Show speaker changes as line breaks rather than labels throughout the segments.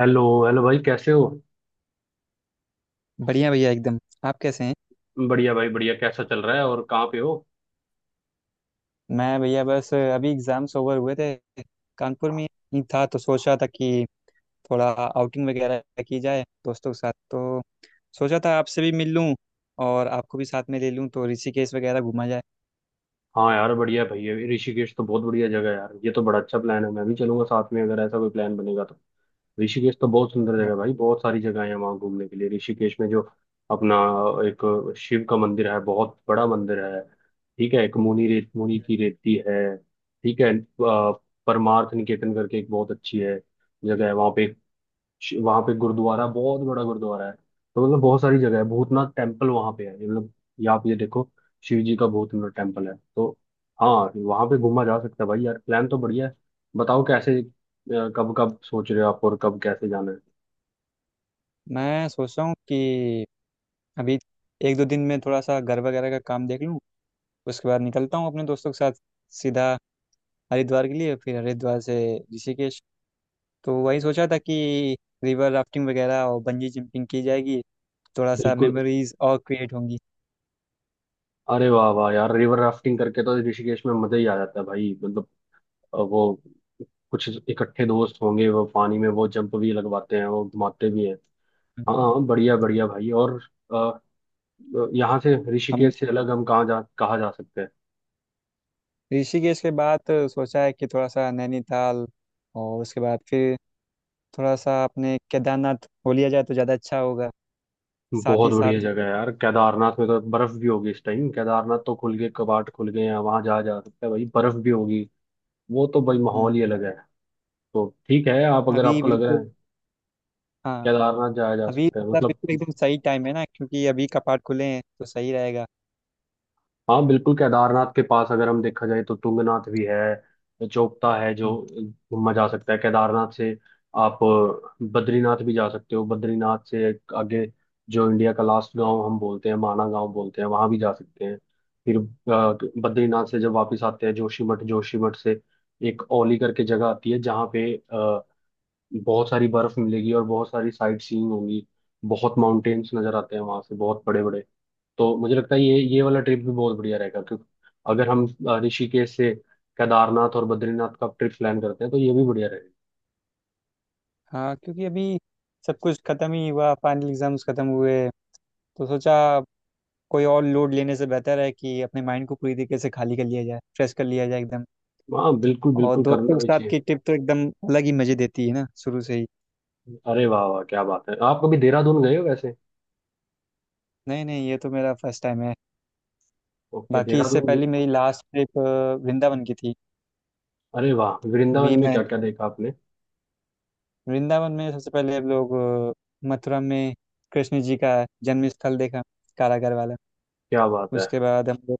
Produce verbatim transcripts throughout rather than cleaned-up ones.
Hello hello भाई, कैसे हो।
बढ़िया भैया एकदम। आप कैसे हैं।
बढ़िया भाई बढ़िया। कैसा चल रहा है, और कहाँ पे हो।
मैं भैया बस अभी एग्जाम्स ओवर हुए थे। कानपुर में ही था तो सोच रहा था कि थोड़ा आउटिंग वगैरह की जाए दोस्तों के साथ। तो सोचा था आपसे भी मिल लूं और आपको भी साथ में ले लूं, तो ऋषिकेश वगैरह घूमा जाए।
हाँ यार बढ़िया भाई, ये ऋषिकेश तो बहुत बढ़िया जगह है यार। ये तो बड़ा अच्छा प्लान है, मैं भी चलूंगा साथ में अगर ऐसा कोई प्लान बनेगा तो। ऋषिकेश तो बहुत सुंदर
हाँ,
जगह है भाई, बहुत सारी जगह है वहाँ घूमने के लिए। ऋषिकेश में जो अपना एक शिव का मंदिर है, बहुत बड़ा मंदिर है। ठीक है, एक मुनि रेत मुनि की रेती है, ठीक है। अ, परमार्थ निकेतन करके एक बहुत अच्छी है जगह है वहाँ पे। श- वहाँ पे गुरुद्वारा, बहुत बड़ा गुरुद्वारा है। तो मतलब बहुत सारी जगह है, भूतनाथ टेम्पल वहाँ पे है, ये मतलब ये आप ये देखो, शिव जी का भूतनाथ टेम्पल है तो। हाँ, वहाँ पे घूमा जा सकता है भाई। यार प्लान तो बढ़िया है, बताओ कैसे, अ, कब कब सोच रहे हो आप, और कब कैसे जाना है।
मैं सोच रहा हूँ कि अभी एक दो दिन में थोड़ा सा घर वगैरह का काम देख लूँ। उसके बाद निकलता हूँ अपने दोस्तों के साथ सीधा हरिद्वार के लिए, फिर हरिद्वार से ऋषिकेश। तो वही सोचा था कि रिवर राफ्टिंग वगैरह और बंजी जंपिंग की जाएगी, थोड़ा सा
बिल्कुल।
मेमोरीज और क्रिएट होंगी।
अरे वाह वाह यार, रिवर राफ्टिंग करके तो ऋषिकेश में मजा ही आ जाता है भाई। मतलब अ, वो कुछ इकट्ठे दोस्त होंगे, वो पानी में वो जंप भी लगवाते हैं, वो घुमाते भी हैं। हाँ हाँ, बढ़िया बढ़िया भाई। और अ, यहाँ से
हम
ऋषिकेश से अलग हम कहाँ जा कहाँ जा सकते हैं।
ऋषिकेश के बाद सोचा है कि थोड़ा सा नैनीताल और उसके बाद फिर थोड़ा सा अपने केदारनाथ हो लिया जाए तो ज़्यादा अच्छा होगा साथ
बहुत
ही
बढ़िया
साथ।
जगह है यार, केदारनाथ में तो बर्फ भी होगी इस टाइम। केदारनाथ तो खुल गए, कपाट खुल गए हैं, वहां जाया जा सकता है भाई, बर्फ भी होगी। वो तो भाई माहौल
हम्म,
ही अलग है। तो ठीक है, आप अगर
अभी
आपको लग रहा
बिल्कुल।
है
हाँ,
केदारनाथ जाया जा
अभी
सकता है
मतलब
मतलब।
बिल्कुल एकदम सही टाइम है ना, क्योंकि अभी कपाट खुले हैं तो सही रहेगा।
हाँ बिल्कुल, केदारनाथ के पास अगर हम देखा जाए तो तुंगनाथ भी है, जोगता है जो
हम्म।
घूमा जा सकता है केदारनाथ से। आप बद्रीनाथ भी जा सकते हो। बद्रीनाथ से एक आगे जो इंडिया का लास्ट गांव हम बोलते हैं, माना गांव बोलते हैं, वहां भी जा सकते हैं। फिर अ, बद्रीनाथ से जब वापस आते हैं जोशीमठ, जोशीमठ से एक औली करके जगह आती है जहाँ पे अ, बहुत सारी बर्फ मिलेगी, और बहुत सारी साइट सीइंग होगी। बहुत माउंटेन्स नजर आते हैं वहां से, बहुत बड़े बड़े। तो मुझे लगता है ये ये वाला ट्रिप भी बहुत बढ़िया रहेगा, क्योंकि अगर हम अ, ऋषिकेश से केदारनाथ और बद्रीनाथ का ट्रिप प्लान करते हैं तो ये भी बढ़िया रहेगा।
हाँ, क्योंकि अभी सब कुछ खत्म ही हुआ, फाइनल एग्जाम्स खत्म हुए, तो सोचा कोई और लोड लेने से बेहतर है कि अपने माइंड को पूरी तरीके से खाली कर लिया जाए, फ्रेश कर लिया जाए एकदम।
हाँ बिल्कुल
और
बिल्कुल,
दोस्तों
करना
के
भी
साथ
चाहिए।
की ट्रिप तो एकदम अलग ही मजे देती है ना शुरू से ही।
अरे वाह वाह, क्या बात है। आप कभी देहरादून गए हो वैसे।
नहीं नहीं, ये तो मेरा फर्स्ट टाइम है।
ओके,
बाकी इससे
देहरादून।
पहले मेरी लास्ट ट्रिप वृंदावन की थी।
अरे वाह, वृंदावन
अभी
में
मैं
क्या क्या देखा आपने।
वृंदावन में सबसे पहले हम लोग अ, मथुरा में कृष्ण जी का जन्म स्थल देखा, कारागर वाला।
क्या बात है।
उसके बाद हम लोग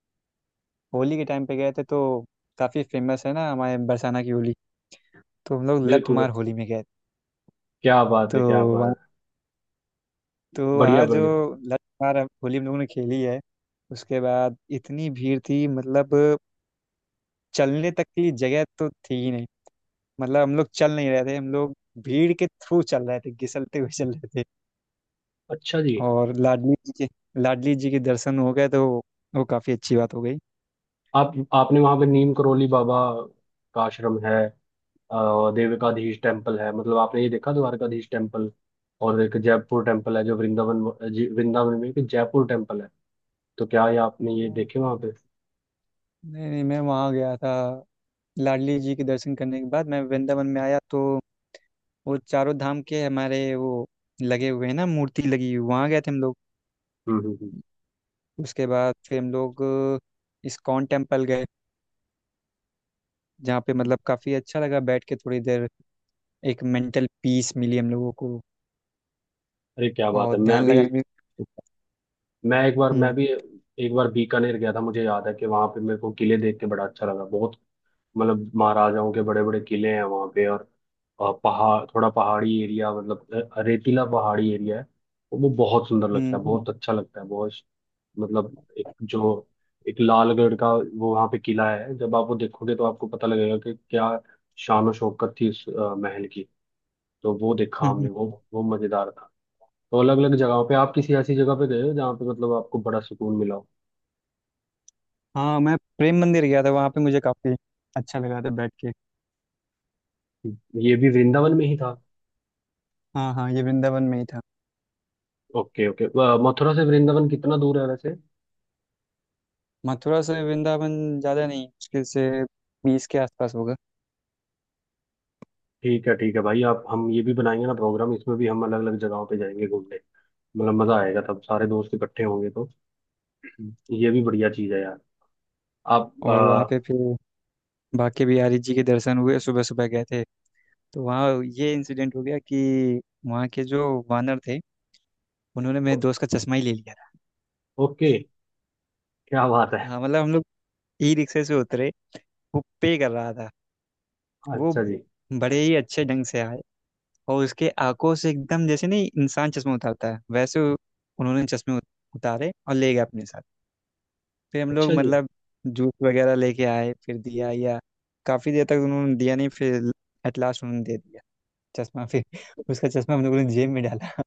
होली के टाइम पे गए थे। तो काफ़ी फेमस है ना हमारे बरसाना की होली, तो हम लोग लठ
बिल्कुल।
मार होली में गए।
क्या बात
तो
है, क्या बात है।
तो
बढ़िया
वहाँ जो
बढ़िया।
लगातार हम- होली हम लोगों ने खेली है। उसके बाद इतनी भीड़ थी मतलब, चलने तक की जगह तो थी ही नहीं। मतलब हम लोग चल नहीं रहे थे, हम लोग भीड़ के थ्रू चल रहे थे, घिसलते हुए चल रहे थे।
अच्छा जी।
और लाडली जी के लाडली जी के दर्शन हो गए तो वो काफ़ी अच्छी बात हो गई।
आप आपने वहां पे नीम करोली बाबा का आश्रम है, अ, देविकाधीश टेम्पल है, मतलब आपने ये देखा, द्वारकाधीश टेम्पल। और एक जयपुर टेम्पल है जो वृंदावन, जी- वृंदावन में एक जयपुर टेम्पल है, तो क्या ये आपने ये
हाँ।
देखे वहां पे।
नहीं नहीं, मैं वहाँ गया था। लाडली जी के दर्शन करने के बाद मैं वृंदावन में आया, तो वो चारों धाम के हमारे वो लगे हुए हैं ना, मूर्ति लगी हुई, वहाँ गए थे हम लोग।
हम्म हम्म।
उसके बाद फिर हम लोग अ, इस्कॉन टेम्पल गए, जहाँ पे
हम्म।
मतलब काफ़ी अच्छा लगा बैठ के थोड़ी देर। एक मेंटल पीस मिली हम लोगों को
अरे क्या बात
और
है, मैं
ध्यान
भी।
लगाने में।
मैं एक बार मैं
हम्म
भी एक बार बीकानेर गया था, मुझे याद है कि वहां पे मेरे को किले देख के बड़ा अच्छा लगा बहुत। मतलब महाराजाओं के बड़े बड़े किले हैं वहाँ पे, और अ, पहाड़, थोड़ा पहाड़ी एरिया, मतलब अ, रेतीला पहाड़ी एरिया है, वो बहुत सुंदर लगता
हम्म।
है,
हम्म।
बहुत अच्छा लगता है बहुत। मतलब एक जो एक लालगढ़ का वो वहाँ पे किला है, जब आप वो देखोगे तो आपको पता लगेगा कि क्या शान और शौकत थी उस अ, महल की। तो वो देखा
हम्म।
हमने,
हम्म।
वो वो मजेदार था। तो अलग अलग जगहों पे आप किसी ऐसी जगह पे गए हो जहाँ पे मतलब आपको बड़ा सुकून मिला हो।
हाँ, मैं प्रेम मंदिर गया था, वहाँ पे मुझे काफ़ी अच्छा लगा था बैठ के।
ये भी वृंदावन में ही था।
हाँ हाँ, ये वृंदावन में ही था।
Okay okay. मथुरा से वृंदावन कितना दूर है वैसे।
मथुरा से वृंदावन ज़्यादा नहीं, मुश्किल से बीस के आसपास होगा।
ठीक है ठीक है भाई, आप हम ये भी बनाएंगे ना प्रोग्राम, इसमें भी हम अलग अलग जगहों पे जाएंगे घूमने। मतलब मजा आएगा, तब सारे दोस्त इकट्ठे होंगे तो ये भी बढ़िया चीज है यार। आप
और
आ,
वहाँ पे फिर बाके बिहारी जी के दर्शन हुए, सुबह सुबह गए थे। तो वहाँ ये इंसिडेंट हो गया कि वहाँ के जो वानर थे, उन्होंने मेरे
ओ-
दोस्त का चश्मा ही ले लिया था।
ओके। क्या बात है।
हाँ मतलब हम लोग ई रिक्शे से उतरे, वो पे कर रहा था। वो
अच्छा जी।
बड़े ही अच्छे ढंग से आए और उसके आंखों से एकदम जैसे नहीं इंसान चश्मा उतारता है वैसे उ- उन्होंने चश्मे उत- उतारे और ले गए अपने साथ। फिर हम लोग
अच्छा जी।
मतलब जूस वगैरह लेके आए, फिर दिया या काफ़ी देर तक उन्होंने दिया नहीं, फिर एट लास्ट उन्होंने दे दिया चश्मा। फिर उसका चश्मा हम लोगों ने जेब में डाला।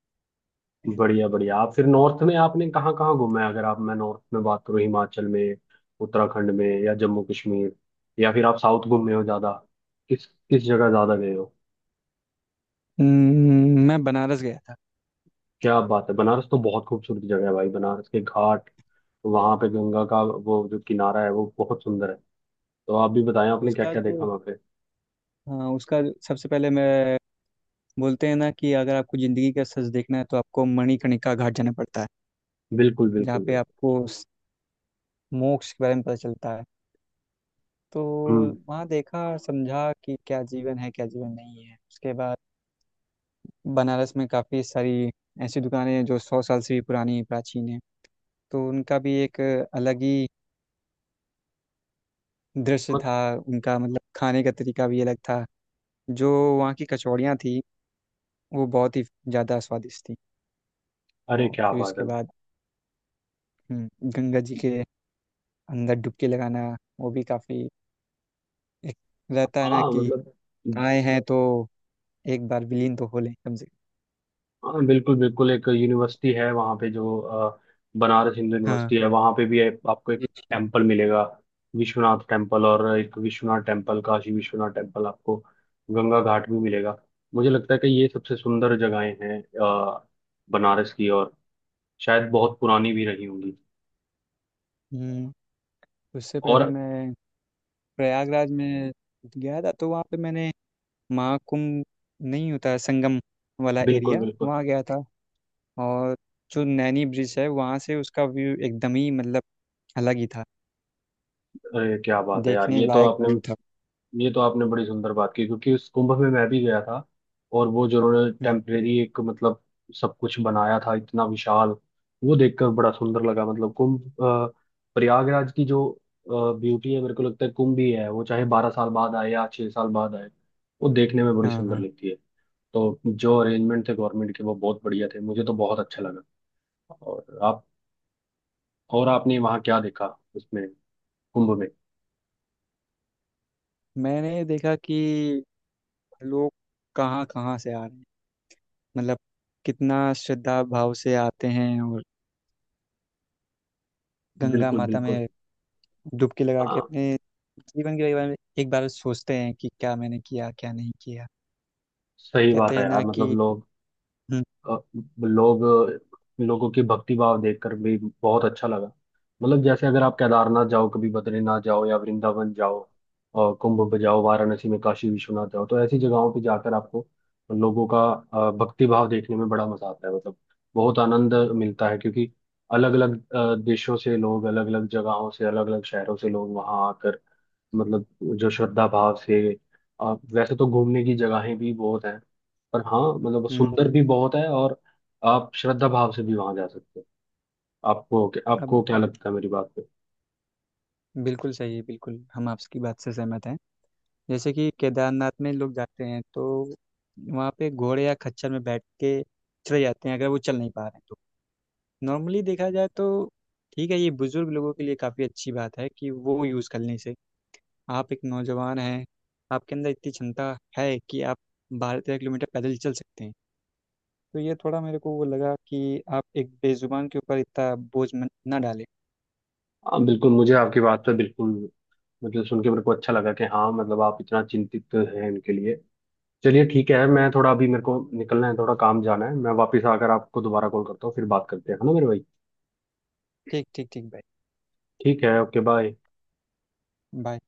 बढ़िया बढ़िया। आप फिर नॉर्थ में आपने कहाँ कहाँ घूमा है, अगर आप, मैं नॉर्थ में बात करूँ, हिमाचल में, उत्तराखंड में या जम्मू कश्मीर, या फिर आप साउथ घूमे हो ज्यादा। किस किस जगह ज्यादा गए हो।
हम्म, मैं बनारस गया था।
क्या बात है, बनारस तो बहुत खूबसूरत जगह है भाई, बनारस के घाट, वहां पे गंगा का वो जो किनारा है वो बहुत सुंदर है। तो आप भी बताएं आपने क्या
उसका
क्या देखा
जो
वहां पे।
हाँ, उसका जो- सबसे पहले मैं, बोलते हैं ना कि अगर आपको जिंदगी का सच देखना है तो आपको मणिकर्णिका घाट जाना पड़ता है,
बिल्कुल
जहाँ
बिल्कुल
पे
बिल्कुल।
आपको स- मोक्ष के बारे में पता चलता है। तो
हम्म।
वहाँ देखा और समझा कि क्या जीवन है क्या जीवन नहीं है। उसके बाद बनारस में काफ़ी सारी ऐसी दुकानें हैं जो सौ साल से भी पुरानी प्राचीन है, तो उनका भी एक अलग ही दृश्य
मत
था। उनका मतलब खाने का तरीका भी अलग था। जो वहाँ की कचौड़ियाँ थी वो बहुत ही ज़्यादा स्वादिष्ट थी।
अरे
और
क्या
फिर
बात
उसके
है।
बाद हम्म, गंगा जी के अंदर डुबकी लगाना, वो भी काफी एक, रहता है ना
हाँ
कि
मतलब।
आए हैं तो एक बार विलीन तो हो लें कम से
हाँ बिल्कुल बिल्कुल, एक यूनिवर्सिटी है वहाँ पे जो, अ, बनारस हिंदू
कम। हाँ।
यूनिवर्सिटी है, वहाँ पे भी है, आपको एक टेम्पल मिलेगा, विश्वनाथ टेम्पल। और एक विश्वनाथ टेम्पल, काशी विश्वनाथ टेम्पल आपको, गंगा घाट भी मिलेगा। मुझे लगता है कि ये सबसे सुंदर जगहें हैं अ, बनारस की, और शायद बहुत पुरानी भी रही होंगी।
हम्म, उससे पहले
और
मैं प्रयागराज में गया था, तो वहाँ पे मैंने महाकुंभ, नहीं होता है संगम वाला
बिल्कुल
एरिया,
बिल्कुल।
वहाँ गया था। और जो नैनी ब्रिज है, वहाँ से उसका व्यू एकदम ही मतलब अलग ही था,
अरे क्या बात है यार,
देखने
ये तो
लायक
आपने
व्यू था।
ये तो आपने बड़ी सुंदर बात की, क्योंकि उस कुंभ में मैं भी गया था। और वो जो उन्होंने
हम्म।
टेम्परेरी एक मतलब सब कुछ बनाया था इतना विशाल, वो देखकर बड़ा सुंदर लगा। मतलब कुंभ, अ, प्रयागराज की जो ब्यूटी है, मेरे को लगता है कुंभ ही है, वो चाहे बारह साल बाद आए या छह साल बाद आए, वो देखने में बड़ी
हाँ
सुंदर
हाँ,
लगती है। तो जो अरेंजमेंट थे गवर्नमेंट के वो बहुत बढ़िया थे, मुझे तो बहुत अच्छा लगा। और आप, और आपने वहाँ क्या देखा, उसमें कुंभ में।
मैंने देखा कि लोग कहाँ कहाँ से आ रहे हैं। मतलब कितना श्रद्धा भाव से आते हैं और गंगा
बिल्कुल
माता
बिल्कुल।
में डुबकी लगा के
हाँ
अपने जीवन के बारे में एक बार सोचते हैं कि क्या मैंने किया क्या नहीं किया।
सही बात
कहते
है
हैं ना
यार, मतलब
कि,
लोग
हम्म
अ, लोग लोगों की भक्ति भाव देखकर भी बहुत अच्छा लगा। मतलब जैसे अगर आप केदारनाथ जाओ कभी, बद्रीनाथ जाओ या वृंदावन जाओ, और कुंभ पे जाओ, वाराणसी में काशी विश्वनाथ जाओ, तो ऐसी जगहों पे जाकर आपको लोगों का अ, भक्ति भाव देखने में बड़ा मजा आता है। मतलब बहुत आनंद मिलता है, क्योंकि अलग अलग देशों से लोग, अलग अलग जगहों से, अलग अलग शहरों से लोग वहाँ आकर, मतलब जो श्रद्धा भाव से, अ, वैसे तो घूमने की जगहें भी बहुत हैं, पर हाँ मतलब
हम्म।
सुंदर भी बहुत है, और आप श्रद्धा भाव से भी वहां जा सकते हो। आपको
अब
आपको क्या लगता है मेरी बात पे।
बिल्कुल सही है, बिल्कुल हम आपकी बात से सहमत हैं। जैसे कि केदारनाथ में लोग जाते हैं तो वहाँ पे घोड़े या खच्चर में बैठ के चले जाते हैं अगर वो चल नहीं पा रहे हैं तो। नॉर्मली देखा जाए तो ठीक है, ये बुजुर्ग लोगों के लिए काफ़ी अच्छी बात है कि वो यूज़ करने से। आप एक नौजवान हैं, आपके अंदर इतनी क्षमता है कि आप बारह तेरह किलोमीटर पैदल चल सकते हैं, तो ये थोड़ा मेरे को वो लगा कि आप एक बेजुबान के ऊपर इतना बोझ मत- ना डालें।
हाँ बिल्कुल, मुझे आपकी बात पे बिल्कुल मतलब सुन के मेरे को अच्छा लगा कि हाँ मतलब आप इतना चिंतित हैं इनके लिए। चलिए ठीक है, मैं थोड़ा अभी, मेरे को निकलना है, थोड़ा काम जाना है, मैं वापस आकर आपको दोबारा कॉल करता हूँ, फिर बात करते हैं, है ना मेरे भाई।
ठीक ठीक ठीक भाई।
ठीक है, ओके बाय।
बाय।